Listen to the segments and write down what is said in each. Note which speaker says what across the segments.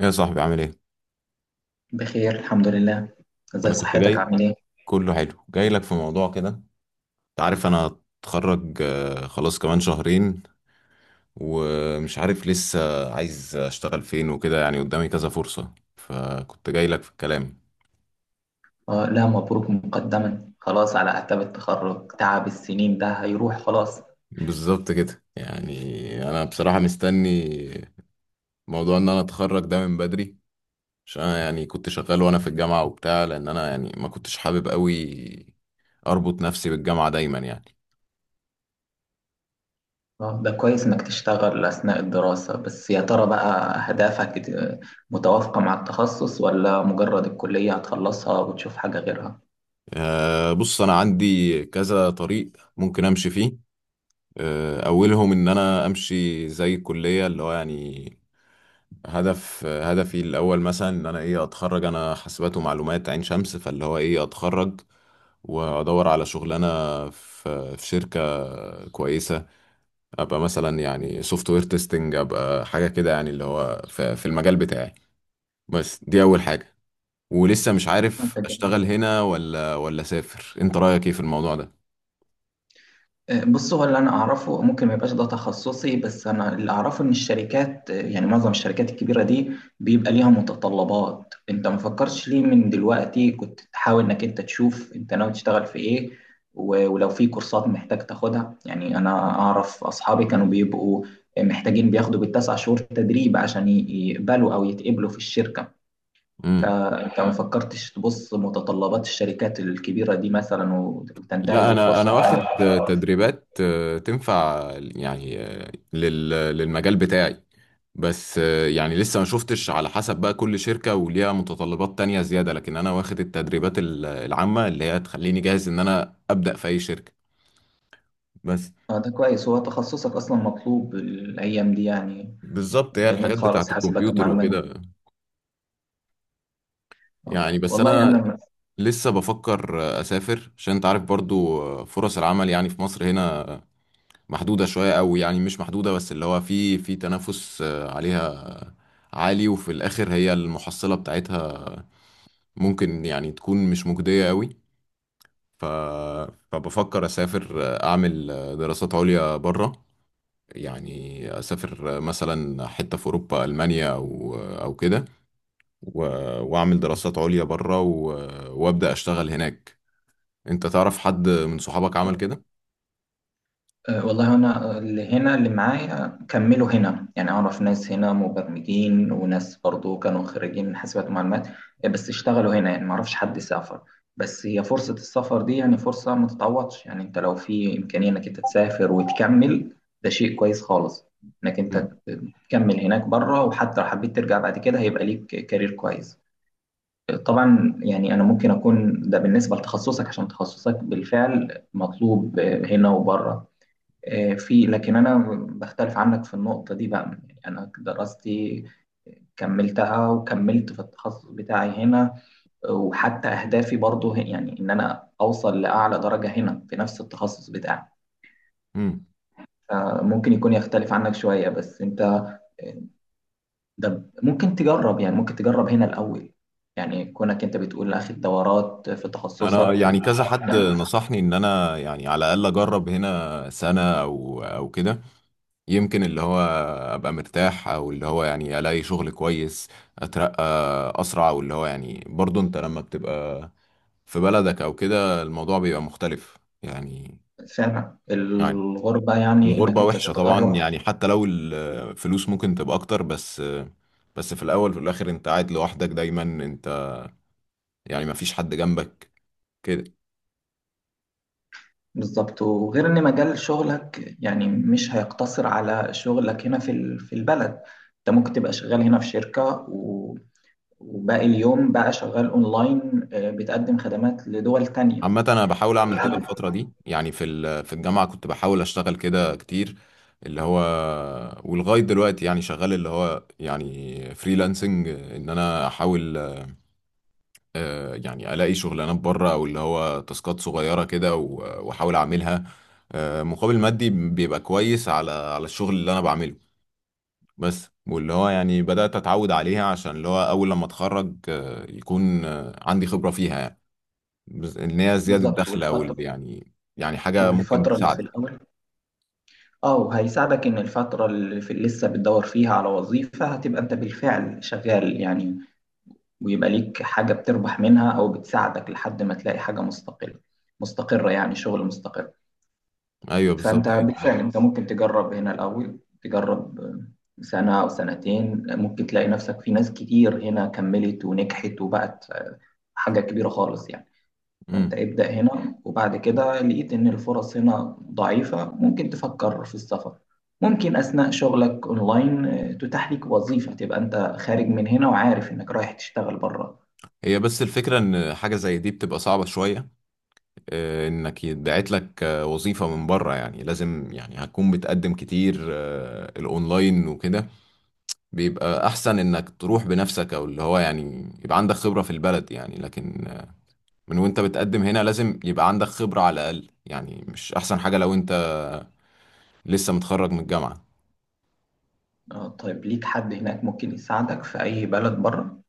Speaker 1: يا صاحبي، عامل ايه؟
Speaker 2: بخير الحمد لله. ازي
Speaker 1: انا كنت
Speaker 2: صحتك؟
Speaker 1: جاي.
Speaker 2: عامل ايه؟
Speaker 1: كله حلو، جاي لك في موضوع كده. انت عارف انا هتخرج، خلاص كمان شهرين، ومش عارف لسه عايز اشتغل فين وكده. يعني قدامي كذا فرصة، فكنت جاي لك في الكلام.
Speaker 2: آه، لا مبروك مقدما، خلاص على اعتاب التخرج، تعب السنين ده هيروح خلاص.
Speaker 1: بالظبط كده يعني. انا بصراحة مستني موضوع ان انا اتخرج ده من بدري، عشان انا يعني كنت شغال وانا في الجامعة وبتاع، لان انا يعني ما كنتش حابب قوي اربط نفسي بالجامعة دايما يعني.
Speaker 2: آه ده كويس انك تشتغل اثناء الدراسة، بس يا ترى بقى اهدافك متوافقة مع التخصص، ولا مجرد الكلية هتخلصها وتشوف حاجة غيرها؟
Speaker 1: بص، أنا عندي كذا طريق ممكن أمشي فيه. أولهم إن أنا أمشي زي الكلية، اللي هو يعني هدفي الأول مثلا إن أنا إيه أتخرج. أنا حاسبات ومعلومات عين شمس، فاللي هو إيه أتخرج وأدور على شغلانة في شركة كويسة، أبقى مثلا يعني سوفت وير تيستنج، أبقى حاجة كده يعني اللي هو في المجال بتاعي. بس دي أول حاجة. ولسه مش عارف
Speaker 2: ده جميل.
Speaker 1: أشتغل هنا ولا أسافر. أنت رأيك إيه في الموضوع ده؟
Speaker 2: بص، هو اللي انا اعرفه، ممكن ما يبقاش ده تخصصي، بس انا اللي اعرفه ان الشركات، يعني معظم الشركات الكبيره دي، بيبقى ليها متطلبات. انت ما فكرتش ليه من دلوقتي كنت تحاول انك انت تشوف انت ناوي تشتغل في ايه، ولو في كورسات محتاج تاخدها؟ يعني انا اعرف اصحابي كانوا بيبقوا محتاجين بياخدوا بالتسع شهور تدريب عشان يقبلوا او يتقبلوا في الشركه.
Speaker 1: امم
Speaker 2: فانت ما فكرتش تبص متطلبات الشركات الكبيره دي مثلا وتنتهز
Speaker 1: لا، انا
Speaker 2: الفرصه؟
Speaker 1: انا واخد تدريبات تنفع يعني للمجال بتاعي. بس يعني لسه ما شفتش، على حسب بقى كل شركة وليها متطلبات تانية زيادة، لكن انا واخد التدريبات العامة اللي هي تخليني جاهز ان انا ابدأ في اي شركة بس.
Speaker 2: اه ده كويس، هو تخصصك اصلا مطلوب الايام دي يعني.
Speaker 1: بالظبط، هي
Speaker 2: جميل
Speaker 1: الحاجات
Speaker 2: خالص،
Speaker 1: بتاعت
Speaker 2: حاسبات
Speaker 1: الكمبيوتر
Speaker 2: ومعلومات.
Speaker 1: وكده
Speaker 2: آه،
Speaker 1: يعني. بس
Speaker 2: والله
Speaker 1: انا
Speaker 2: انا
Speaker 1: لسه بفكر اسافر، عشان انت عارف برضو فرص العمل يعني في مصر هنا محدودة شوية أوي. يعني مش محدودة، بس اللي هو في تنافس عليها عالي. وفي الاخر، هي المحصلة بتاعتها ممكن يعني تكون مش مجدية قوي. ف... فبفكر اسافر، اعمل دراسات عليا بره. يعني اسافر مثلا حتة في اوروبا، المانيا او كده، و... واعمل دراسات عليا بره، وابدا اشتغل هناك. انت تعرف حد من صحابك عمل كده؟
Speaker 2: آه، والله انا اللي هنا اللي معايا كملوا هنا، يعني اعرف ناس هنا مبرمجين وناس برضو كانوا خريجين من حاسبات ومعلومات، بس اشتغلوا هنا، يعني ما اعرفش حد سافر. بس هي فرصة السفر دي يعني فرصة ما تتعوضش، يعني انت لو في امكانية انك انت تسافر وتكمل، ده شيء كويس خالص، انك انت
Speaker 1: مم.
Speaker 2: تكمل هناك بره، وحتى لو حبيت ترجع بعد كده هيبقى ليك كارير كويس. طبعا يعني انا ممكن اكون ده بالنسبه لتخصصك، عشان تخصصك بالفعل مطلوب هنا وبره، آه، في. لكن انا بختلف عنك في النقطه دي بقى، يعني انا دراستي كملتها وكملت في التخصص بتاعي هنا، وحتى اهدافي برضو يعني ان انا اوصل لاعلى درجه هنا في نفس التخصص بتاعي.
Speaker 1: مم.
Speaker 2: فممكن يكون يختلف عنك شويه، بس انت ده ممكن تجرب، يعني ممكن تجرب هنا الاول، يعني كونك انت بتقول اخد دورات في
Speaker 1: انا
Speaker 2: تخصصك
Speaker 1: يعني كذا حد نصحني ان انا يعني على الاقل اجرب هنا سنة او كده، يمكن اللي هو ابقى مرتاح، او اللي هو يعني الاقي شغل كويس، اترقى اسرع، او اللي هو يعني برضو انت لما بتبقى في بلدك او كده الموضوع بيبقى مختلف. يعني
Speaker 2: فعلا
Speaker 1: يعني
Speaker 2: الغربة، يعني إنك
Speaker 1: الغربة
Speaker 2: أنت
Speaker 1: وحشة طبعا.
Speaker 2: تتغرب.
Speaker 1: يعني حتى لو الفلوس ممكن تبقى اكتر، بس بس في الاول وفي الاخر انت قاعد لوحدك دايما. انت يعني مفيش حد جنبك كده.
Speaker 2: بالظبط، وغير إن مجال شغلك يعني مش هيقتصر على شغلك هنا في في البلد، أنت ممكن تبقى شغال هنا في شركة و- وباقي اليوم بقى شغال أونلاين، بتقدم خدمات لدول تانية.
Speaker 1: عامة أنا بحاول
Speaker 2: دي
Speaker 1: أعمل كده
Speaker 2: حاجة.
Speaker 1: الفترة دي. يعني في الجامعة كنت بحاول أشتغل كده كتير، اللي هو ولغاية دلوقتي يعني شغال، اللي هو يعني فريلانسنج، إن أنا أحاول يعني ألاقي شغلانات بره، أو اللي هو تاسكات صغيرة كده وأحاول أعملها. مقابل مادي بيبقى كويس على الشغل اللي أنا بعمله. بس واللي هو يعني بدأت أتعود عليها، عشان اللي هو أول لما أتخرج يكون عندي خبرة فيها يعني. ان هي زياده
Speaker 2: بالظبط.
Speaker 1: دخل، او
Speaker 2: والفترة
Speaker 1: يعني يعني حاجه ممكن
Speaker 2: والفترة اللي في
Speaker 1: تساعدك.
Speaker 2: الأول، أه، وهيساعدك إن الفترة اللي في لسه بتدور فيها على وظيفة، هتبقى أنت بالفعل شغال يعني، ويبقى ليك حاجة بتربح منها أو بتساعدك لحد ما تلاقي حاجة مستقلة مستقرة، يعني شغل مستقر.
Speaker 1: ايوه، بالظبط
Speaker 2: فأنت
Speaker 1: يعني.
Speaker 2: بالفعل أنت ممكن تجرب هنا الأول، تجرب سنة أو سنتين، ممكن تلاقي نفسك. في ناس كتير هنا كملت ونجحت وبقت حاجة كبيرة خالص يعني.
Speaker 1: امم
Speaker 2: فأنت ابدأ هنا، وبعد كده لقيت إن الفرص هنا ضعيفة ممكن تفكر في السفر. ممكن أثناء شغلك أونلاين تتاح لك وظيفة تبقى أنت خارج من هنا، وعارف إنك رايح تشتغل بره.
Speaker 1: هي بس الفكره ان حاجه زي دي بتبقى صعبه شويه، انك يتبعت لك وظيفه من بره. يعني لازم، يعني هتكون بتقدم كتير الاونلاين وكده. بيبقى احسن انك تروح بنفسك، او اللي هو يعني يبقى عندك خبره في البلد. يعني لكن من وانت بتقدم هنا لازم يبقى عندك خبره على الاقل. يعني مش احسن حاجه لو انت لسه متخرج من الجامعه.
Speaker 2: اه طيب، ليك حد هناك ممكن يساعدك في أي بلد بره؟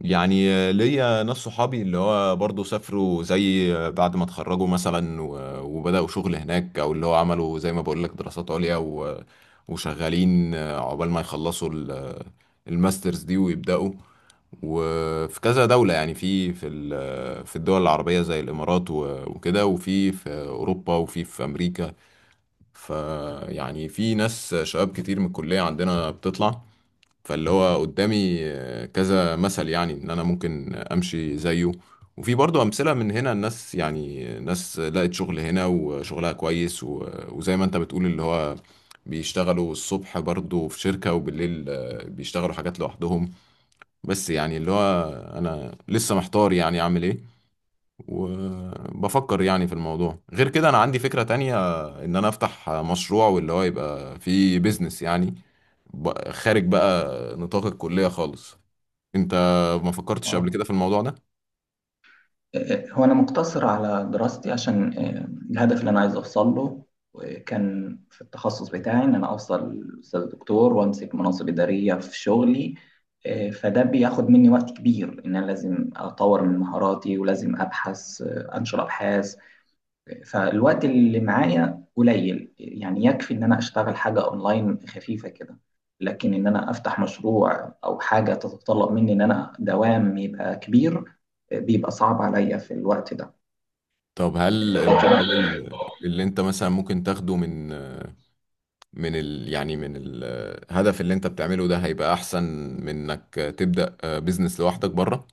Speaker 1: يعني ليا ناس صحابي اللي هو برضه سافروا، زي بعد ما اتخرجوا مثلا، وبدأوا شغل هناك. او اللي هو عملوا زي ما بقول لك دراسات عليا، وشغالين عقبال ما يخلصوا الماسترز دي ويبدأوا. وفي كذا دولة يعني في الدول العربية زي الإمارات، وكده، وفي أوروبا، وفي أمريكا. فيعني في ناس شباب كتير من الكلية عندنا بتطلع. فاللي هو قدامي كذا مثل، يعني ان انا ممكن امشي زيه. وفي برضه امثله من هنا، الناس يعني ناس لقت شغل هنا وشغلها كويس، وزي ما انت بتقول اللي هو بيشتغلوا الصبح برضه في شركه، وبالليل بيشتغلوا حاجات لوحدهم. بس يعني اللي هو انا لسه محتار، يعني اعمل ايه. وبفكر يعني في الموضوع. غير كده، انا عندي فكره تانية، ان انا افتح مشروع واللي هو يبقى فيه بيزنس يعني. خارج بقى نطاق الكلية خالص. انت ما فكرتش قبل
Speaker 2: اه.
Speaker 1: كده في الموضوع ده؟
Speaker 2: هو أنا مقتصر على دراستي عشان الهدف اللي أنا عايز أوصل له، كان في التخصص بتاعي، إن أنا أوصل أستاذ دكتور وأمسك مناصب إدارية في شغلي. فده بياخد مني وقت كبير، إن أنا لازم أطور من مهاراتي ولازم أبحث، أنشر أبحاث. فالوقت اللي معايا قليل، يعني يكفي ان انا اشتغل حاجة اونلاين خفيفة كده، لكن ان انا افتح مشروع او حاجة تتطلب مني ان انا دوام يبقى كبير، بيبقى صعب عليا في الوقت ده.
Speaker 1: طب هل
Speaker 2: لكن
Speaker 1: المقابل اللي انت مثلا ممكن تاخده من من ال يعني من الهدف اللي انت بتعمله ده هيبقى احسن من انك تبدأ بيزنس لوحدك بره؟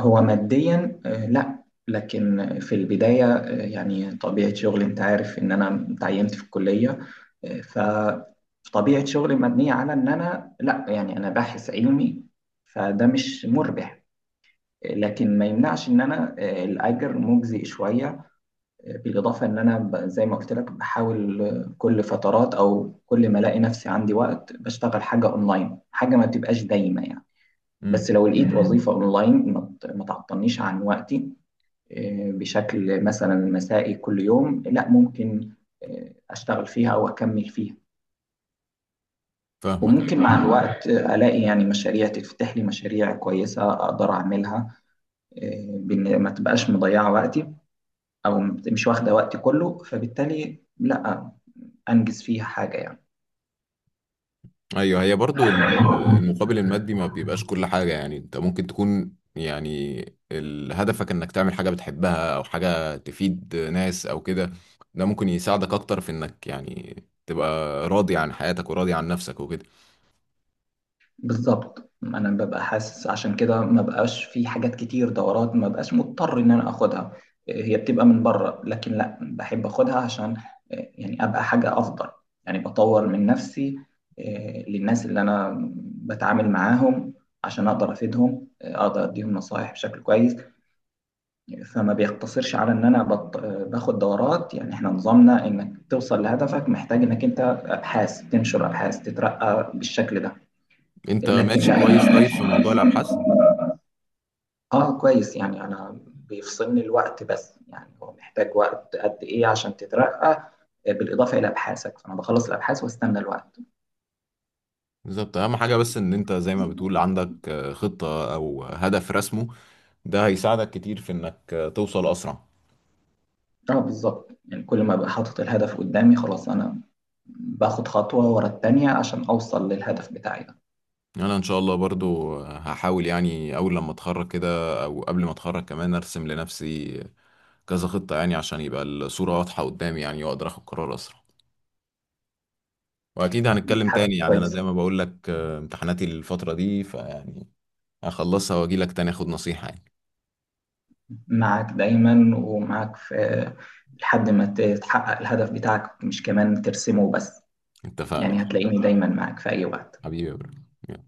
Speaker 2: هو ماديا لا، لكن في البداية، يعني طبيعة شغلي، انت عارف ان انا تعينت في الكلية، آه، فطبيعة شغلي مبنية على ان انا لا، يعني انا باحث علمي، فده مش مربح. لكن ما يمنعش ان انا الاجر مجزي شويه، بالاضافه ان انا زي ما قلت لك، بحاول كل فترات او كل ما الاقي نفسي عندي وقت بشتغل حاجه اونلاين، حاجه ما بتبقاش دايمه يعني. بس
Speaker 1: امم
Speaker 2: لو لقيت وظيفه اونلاين ما ما تعطلنيش عن وقتي، بشكل مثلا مسائي كل يوم، لا ممكن اشتغل فيها او اكمل فيها.
Speaker 1: فاهمك.
Speaker 2: وممكن مع الوقت الاقي يعني مشاريع، تفتح لي مشاريع كويسه اقدر اعملها، بإن ما تبقاش مضيعه وقتي، او مش واخده وقتي كله، فبالتالي لا انجز فيها حاجه يعني.
Speaker 1: ايوه، هي برضو المقابل المادي ما بيبقاش كل حاجة. يعني انت ممكن تكون يعني هدفك انك تعمل حاجة بتحبها، او حاجة تفيد ناس او كده. ده ممكن يساعدك اكتر في انك يعني تبقى راضي عن حياتك وراضي عن نفسك وكده.
Speaker 2: بالظبط، انا ببقى حاسس عشان كده ما بقاش في حاجات كتير، دورات ما بقاش مضطر ان انا اخدها، هي بتبقى من بره، لكن لا بحب اخدها عشان يعني ابقى حاجه افضل، يعني بطور من نفسي للناس اللي انا بتعامل معاهم، عشان اقدر افيدهم، اقدر اديهم نصائح بشكل كويس يعني. فما بيقتصرش على ان انا باخد دورات، يعني احنا نظامنا انك توصل لهدفك محتاج انك انت ابحاث، تنشر ابحاث تترقى بالشكل ده،
Speaker 1: انت
Speaker 2: لكن
Speaker 1: ماشي
Speaker 2: لا
Speaker 1: كويس. طيب،
Speaker 2: مفيش.
Speaker 1: في موضوع الابحاث،
Speaker 2: اه كويس، يعني انا بيفصلني الوقت، بس يعني هو محتاج وقت قد ايه عشان تترقى بالاضافه الى ابحاثك؟ فانا بخلص الابحاث واستنى الوقت.
Speaker 1: بالظبط اهم حاجة بس ان انت زي ما بتقول عندك خطة او هدف رسمه، ده هيساعدك كتير في انك توصل اسرع.
Speaker 2: اه بالظبط، يعني كل ما ابقى حاطط الهدف قدامي، خلاص انا باخد خطوه ورا التانيه عشان اوصل للهدف بتاعي ده.
Speaker 1: يعني انا ان شاء الله برضو هحاول، يعني اول لما اتخرج كده او قبل ما اتخرج كمان، ارسم لنفسي كذا خطة يعني، عشان يبقى الصورة واضحة قدامي يعني، واقدر اخد قرار اسرع. واكيد
Speaker 2: دي
Speaker 1: هنتكلم
Speaker 2: حاجه
Speaker 1: تاني. يعني انا زي
Speaker 2: كويسه.
Speaker 1: ما بقول لك امتحاناتي الفترة دي، فيعني هخلصها واجي لك تاني اخد نصيحة يعني.
Speaker 2: معاك دايما، ومعاك في، لحد ما تتحقق الهدف بتاعك، مش كمان ترسمه بس،
Speaker 1: اتفقنا
Speaker 2: يعني
Speaker 1: خلاص.
Speaker 2: هتلاقيني دايما معاك في أي وقت.
Speaker 1: حبيبي يا برو.